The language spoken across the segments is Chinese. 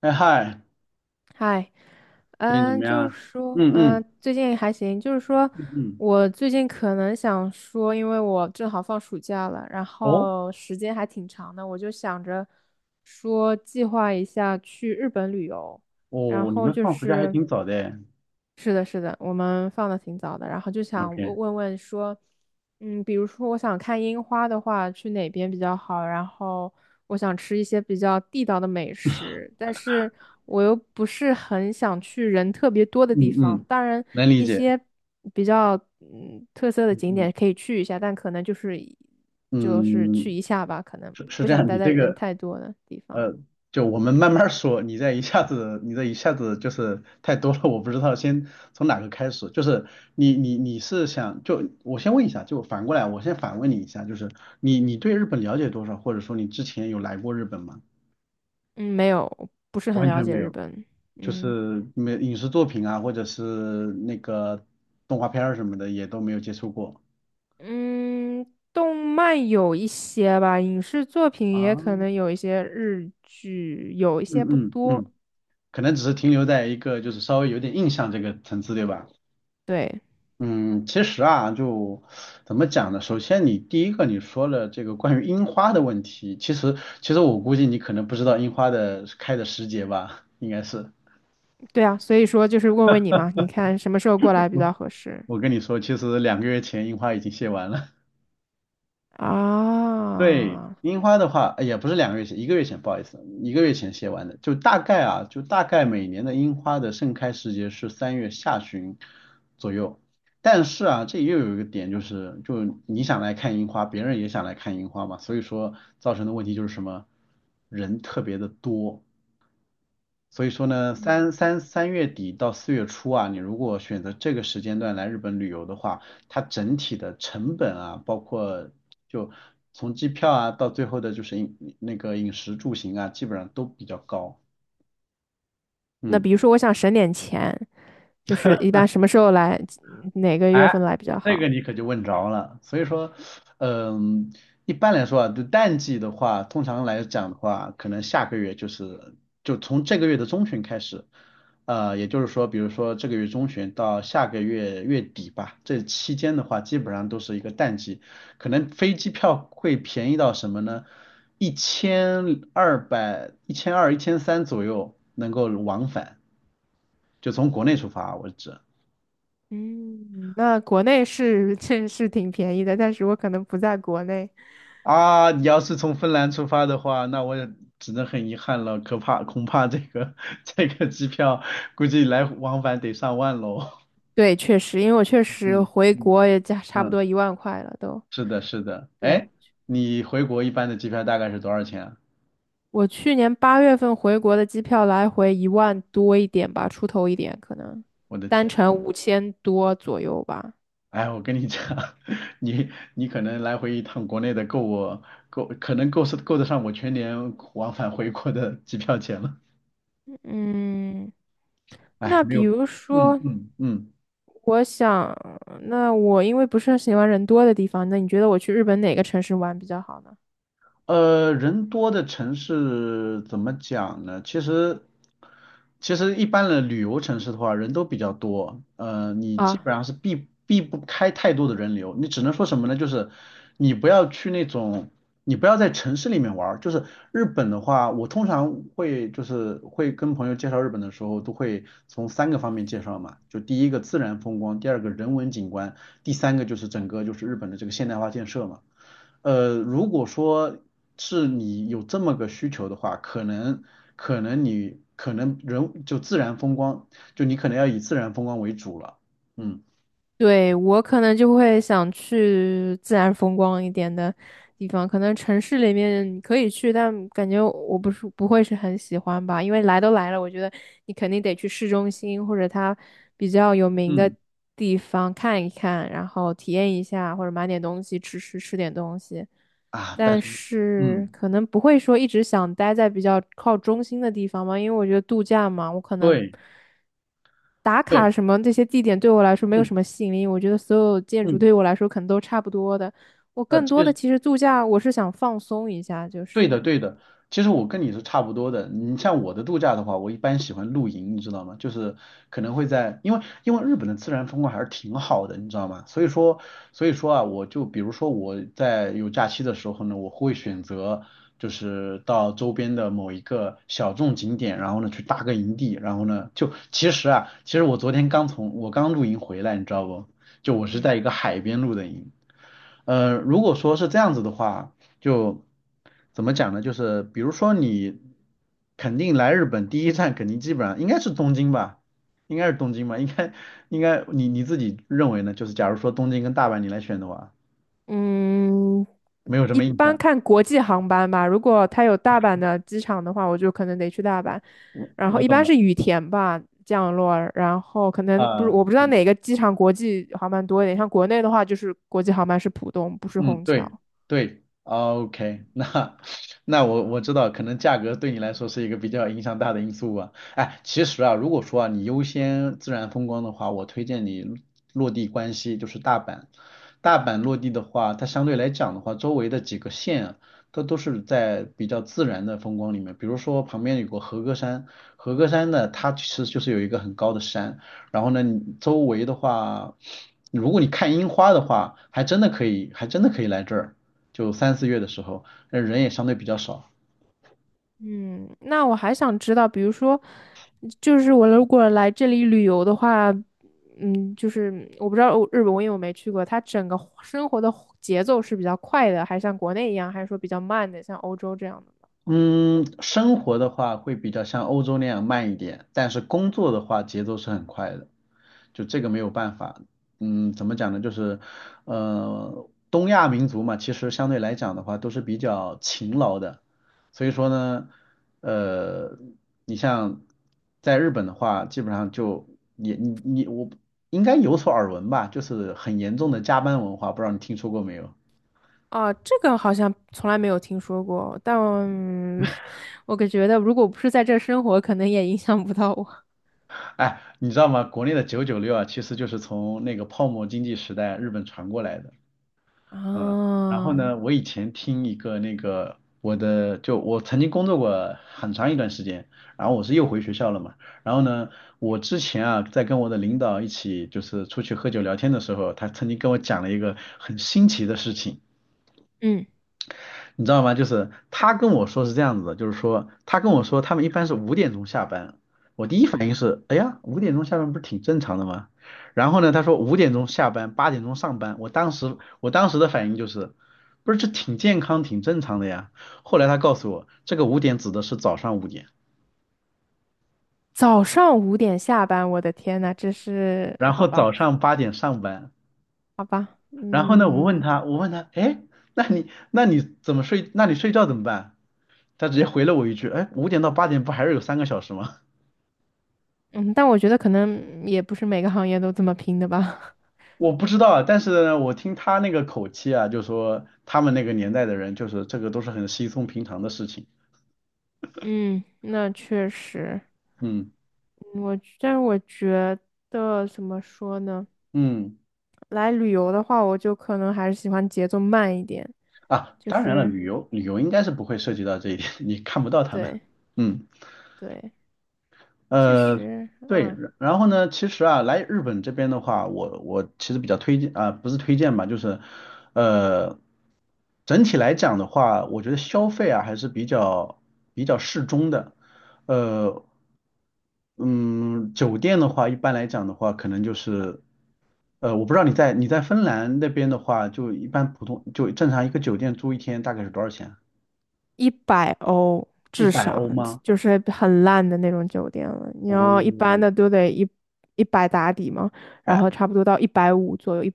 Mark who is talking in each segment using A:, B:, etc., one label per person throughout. A: 哎嗨，
B: 嗨，
A: 最近怎么样
B: 就
A: 啊？
B: 是说，
A: 嗯嗯
B: 最近还行。就是说，
A: 嗯嗯。
B: 我最近可能想说，因为我正好放暑假了，然
A: 哦
B: 后时间还挺长的，我就想着说计划一下去日本旅游。然
A: 哦，你
B: 后
A: 们
B: 就
A: 放暑假还
B: 是，
A: 挺早的。
B: 是的，是的，我们放的挺早的，然后就想问
A: OK。
B: 问问说，比如说我想看樱花的话，去哪边比较好？然后我想吃一些比较地道的美食，但是我又不是很想去人特别多的地
A: 嗯
B: 方。
A: 嗯，
B: 当然，
A: 能理
B: 一
A: 解。
B: 些比较特色的
A: 嗯
B: 景
A: 嗯
B: 点可以去一下，但可能就是去
A: 嗯，
B: 一下吧，可能
A: 是是
B: 不
A: 这
B: 想
A: 样，
B: 待
A: 你
B: 在
A: 这
B: 人
A: 个
B: 太多的地方。
A: 呃，就我们慢慢说，你这一下子就是太多了，我不知道先从哪个开始。就是你是想就我先问一下，就反过来我先反问你一下，就是你对日本了解多少，或者说你之前有来过日本吗？
B: 嗯，没有，不是很
A: 完
B: 了
A: 全
B: 解
A: 没
B: 日
A: 有。
B: 本。
A: 就
B: 嗯。
A: 是没影视作品啊，或者是那个动画片儿什么的，也都没有接触过
B: 嗯，动漫有一些吧，影视作品
A: 啊。
B: 也可能有一些日剧，有一些不
A: 嗯嗯
B: 多。
A: 嗯，可能只是停留在一个就是稍微有点印象这个层次，对吧？
B: 对，
A: 嗯，其实啊，就怎么讲呢？首先你第一个你说了这个关于樱花的问题，其实我估计你可能不知道樱花的开的时节吧，应该是。
B: 对啊，所以说就是问问你嘛，你看什么时候过来比较合适
A: 我跟你说，其实两个月前樱花已经谢完了。对，
B: 啊？
A: 樱花的话，也不是两个月前，一个月前，不好意思，一个月前写完的。就大概每年的樱花的盛开时节是3月下旬左右。但是啊，这又有一个点就是，就你想来看樱花，别人也想来看樱花嘛，所以说造成的问题就是什么，人特别的多。所以说呢，
B: 嗯，
A: 三月底到4月初啊，你如果选择这个时间段来日本旅游的话，它整体的成本啊，包括就从机票啊到最后的就是饮那个饮食住行啊，基本上都比较高。
B: 那
A: 嗯。
B: 比如说我想省点钱，就是一般什么时候来，哪个月
A: 哎，
B: 份来比较
A: 这
B: 好？
A: 个你可就问着了。所以说，嗯，一般来说啊，就淡季的话，通常来讲的话，可能下个月就从这个月的中旬开始，也就是说，比如说这个月中旬到下个月月底吧，这期间的话，基本上都是一个淡季，可能飞机票会便宜到什么呢？1200、一千二、1300左右能够往返，就从国内出发为止。
B: 嗯，那国内是 这是挺便宜的，但是我可能不在国内。
A: 啊，你要是从芬兰出发的话，那我也只能很遗憾了，可怕，恐怕这个 这个机票估计来往返得上万喽。
B: 对，确实，因为我确 实
A: 嗯
B: 回
A: 嗯
B: 国也加差不
A: 嗯，
B: 多10000块了都。
A: 是的，是的。
B: 对，
A: 哎，你回国一般的机票大概是多少钱啊？
B: 我去年8月份回国的机票来回10000多一点吧，出头一点，可能
A: 我的
B: 单
A: 天，
B: 程5000多左右吧。
A: 哎，我跟你讲，你可能来回一趟国内的够我够，可能够是够得上我全年往返回国的机票钱了。
B: 嗯，
A: 哎，
B: 那
A: 没
B: 比
A: 有，
B: 如
A: 嗯
B: 说，
A: 嗯嗯。
B: 我想，那我因为不是很喜欢人多的地方，那你觉得我去日本哪个城市玩比较好呢？
A: 人多的城市怎么讲呢？其实一般的旅游城市的话，人都比较多，你基
B: 啊，
A: 本上是避不开太多的人流。你只能说什么呢？就是你不要去那种，你不要在城市里面玩儿。就是日本的话，我通常会就是会跟朋友介绍日本的时候，都会从三个方面介绍嘛。就第一个自然风光，第二个人文景观，第三个就是整个就是日本的这个现代化建设嘛。如果说是你有这么个需求的话，可能你可能人就自然风光，就你可能要以自然风光为主了。嗯
B: 对，我可能就会想去自然风光一点的地方，可能城市里面你可以去，但感觉我不是不会是很喜欢吧，因为来都来了，我觉得你肯定得去市中心或者它比较有名的
A: 嗯
B: 地方看一看，然后体验一下，或者买点东西吃点东西。
A: 啊，但
B: 但
A: 是
B: 是
A: 嗯，
B: 可能不会说一直想待在比较靠中心的地方嘛，因为我觉得度假嘛，我可能
A: 对
B: 打卡
A: 对，
B: 什么这些地点对我来说没有
A: 嗯
B: 什么吸引力，我觉得所有建筑
A: 嗯，
B: 对我来说可能都差不多的，我更多
A: 其
B: 的
A: 实。
B: 其实度假，我是想放松一下，就
A: 对的，
B: 是
A: 对的。其实我跟你是差不多的。你像我的度假的话，我一般喜欢露营，你知道吗？就是可能会在，因为日本的自然风光还是挺好的，你知道吗？所以说啊，我就比如说我在有假期的时候呢，我会选择就是到周边的某一个小众景点，然后呢去搭个营地，然后呢就其实我昨天刚从我刚露营回来，你知道不？就我是
B: 嗯，
A: 在一个海边露的营。如果说是这样子的话。就怎么讲呢？就是比如说你肯定来日本第一站，肯定基本上应该是东京吧。应该应该你你自己认为呢？就是假如说东京跟大阪你来选的话，
B: 嗯，
A: 没有什
B: 一
A: 么印
B: 般
A: 象，
B: 看国际航班吧。如果它有大阪的机场的话，我就可能得去大阪。
A: 我
B: 然后
A: 我
B: 一
A: 懂
B: 般
A: 的
B: 是羽田吧降落，然后可能不是
A: 啊，
B: 我不知
A: 是的
B: 道哪个机场国际航班多一点，像国内的话就是国际航班是浦东，不是
A: 嗯，
B: 虹桥。
A: 对对哦，OK，那 那我知道，可能价格对你来说是一个比较影响大的因素吧。哎，其实啊，如果说啊你优先自然风光的话，我推荐你落地关西，就是大阪。大阪落地的话，它相对来讲的话，周围的几个县啊，它都是在比较自然的风光里面。比如说旁边有个和歌山，和歌山呢，它其实就是有一个很高的山。然后呢，你周围的话，如果你看樱花的话，还真的可以来这儿，就3、4月的时候，那人也相对比较少。
B: 嗯，那我还想知道，比如说，就是我如果来这里旅游的话，就是我不知道日本，我因为我没去过，它整个生活的节奏是比较快的，还是像国内一样，还是说比较慢的，像欧洲这样的？
A: 嗯，生活的话会比较像欧洲那样慢一点，但是工作的话节奏是很快的，就这个没有办法。嗯，怎么讲呢？就是，东亚民族嘛，其实相对来讲的话都是比较勤劳的，所以说呢，呃，你像在日本的话，基本上就你你你我应该有所耳闻吧，就是很严重的加班文化，不知道你听说过没有？
B: 啊，这个好像从来没有听说过，但我感觉得如果不是在这生活，可能也影响不到我。
A: 哎，你知道吗？国内的996啊，其实就是从那个泡沫经济时代日本传过来的。嗯，然后
B: 啊，
A: 呢，我以前听一个那个我的，就我曾经工作过很长一段时间，然后我是又回学校了嘛。然后呢，我之前啊，在跟我的领导一起就是出去喝酒聊天的时候，他曾经跟我讲了一个很新奇的事情。
B: 嗯，
A: 你知道吗？就是他跟我说是这样子的，就是说他跟我说他们一般是五点钟下班，我第一反应是，哎呀，五点钟下班不是挺正常的吗？然后呢，他说五点钟下班，8点钟上班，我当时的反应就是，不是这挺健康挺正常的呀。后来他告诉我，这个五点指的是早上5点，
B: 早上5点下班，我的天呐，这是
A: 然
B: 好
A: 后
B: 吧，
A: 早上8点上班。
B: 好吧，
A: 然后呢，我问
B: 嗯。
A: 他，我问他，哎，那你怎么睡？那你睡觉怎么办？他直接回了我一句，哎，5点到8点不还是有3个小时吗？
B: 嗯，但我觉得可能也不是每个行业都这么拼的吧。
A: 我不知道啊，但是呢，我听他那个口气啊，就说他们那个年代的人，就是这个都是很稀松平常的事情。
B: 嗯，那确实，
A: 嗯
B: 但是我觉得怎么说呢？
A: 嗯
B: 来旅游的话，我就可能还是喜欢节奏慢一点，
A: 啊，
B: 就
A: 当然了，
B: 是
A: 旅游应该是不会涉及到这一点，你看不到他们。
B: 对
A: 嗯
B: 对，其
A: 呃，
B: 实
A: 对，然后呢，其实啊，来日本这边的话，我其实比较推荐啊，不是推荐吧，就是呃，整体来讲的话，我觉得消费啊还是比较适中的。呃，嗯，酒店的话，一般来讲的话，可能就是，我不知道你在芬兰那边的话，就一般普通就正常一个酒店住一天大概是多少钱啊？
B: 100欧
A: 一
B: 至
A: 百
B: 少
A: 欧吗？
B: 就是很烂的那种酒店了。你要一般
A: 哦，
B: 的都得一百打底嘛，然
A: 哎，
B: 后差不多到150左右一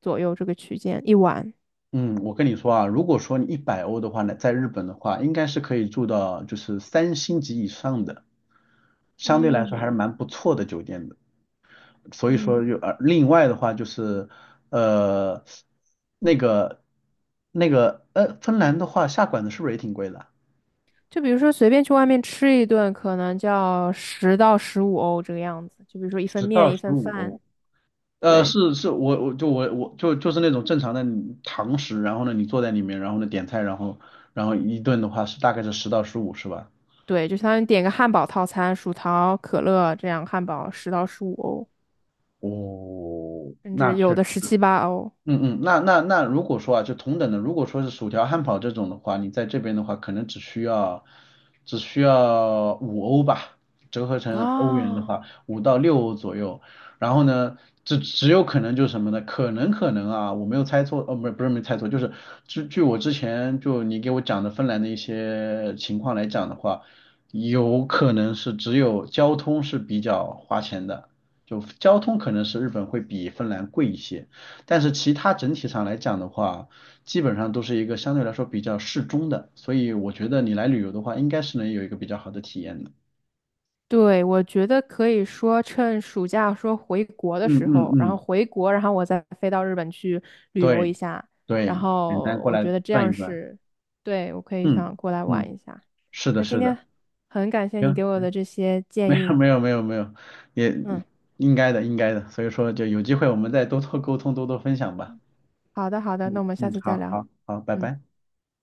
B: 左右这个区间一晚。
A: 嗯，我跟你说啊，如果说你一百欧的话呢，在日本的话，应该是可以住到就是三星级以上的，相对来说还是
B: 嗯
A: 蛮不错的酒店的。所以说
B: 嗯，
A: 就另外的话就是，呃，那个芬兰的话下馆子是不是也挺贵的啊？
B: 就比如说随便去外面吃一顿，可能叫十到十五欧这个样子。就比如说一份
A: 十
B: 面
A: 到
B: 一
A: 十
B: 份
A: 五
B: 饭，
A: 欧，
B: 对
A: 是是，我就是那种正常的堂食，然后呢，你坐在里面，然后呢点菜，然后一顿的话是大概是十到十五，是吧？
B: 对，就相当于点个汉堡套餐，薯条、可乐这样，汉堡十到十五欧，
A: 哦，
B: 甚
A: 那
B: 至有
A: 确
B: 的十七八欧
A: 嗯嗯，那如果说啊，就同等的，如果说是薯条、汉堡这种的话，你在这边的话，可能只需要五欧吧，折合成欧元的
B: 啊。
A: 话，5到6欧左右。然后呢，这只有可能就是什么呢？可能啊，我没有猜错，哦，不是没猜错，就是据我之前就你给我讲的芬兰的一些情况来讲的话，有可能是只有交通是比较花钱的，就交通可能是日本会比芬兰贵一些。但是其他整体上来讲的话，基本上都是一个相对来说比较适中的，所以我觉得你来旅游的话，应该是能有一个比较好的体验的。
B: 对，我觉得可以说趁暑假说回国的
A: 嗯
B: 时
A: 嗯
B: 候，然后
A: 嗯，
B: 回国，然后我再飞到日本去旅游一
A: 对
B: 下，然
A: 对，简单
B: 后
A: 过
B: 我
A: 来
B: 觉得这
A: 转
B: 样
A: 一转。
B: 是，对，我可以
A: 嗯
B: 想过来玩
A: 嗯，
B: 一下。
A: 是的，
B: 那今
A: 是
B: 天
A: 的，
B: 很感谢你
A: 行，
B: 给我的这些建
A: 没有
B: 议，
A: 没有没有没有，也
B: 嗯，
A: 应该的应该的，所以说就有机会我们再多多沟通，多多分享吧。
B: 好的好的，
A: 嗯
B: 那我们下
A: 嗯，
B: 次再
A: 好
B: 聊，
A: 好好，拜
B: 嗯。
A: 拜。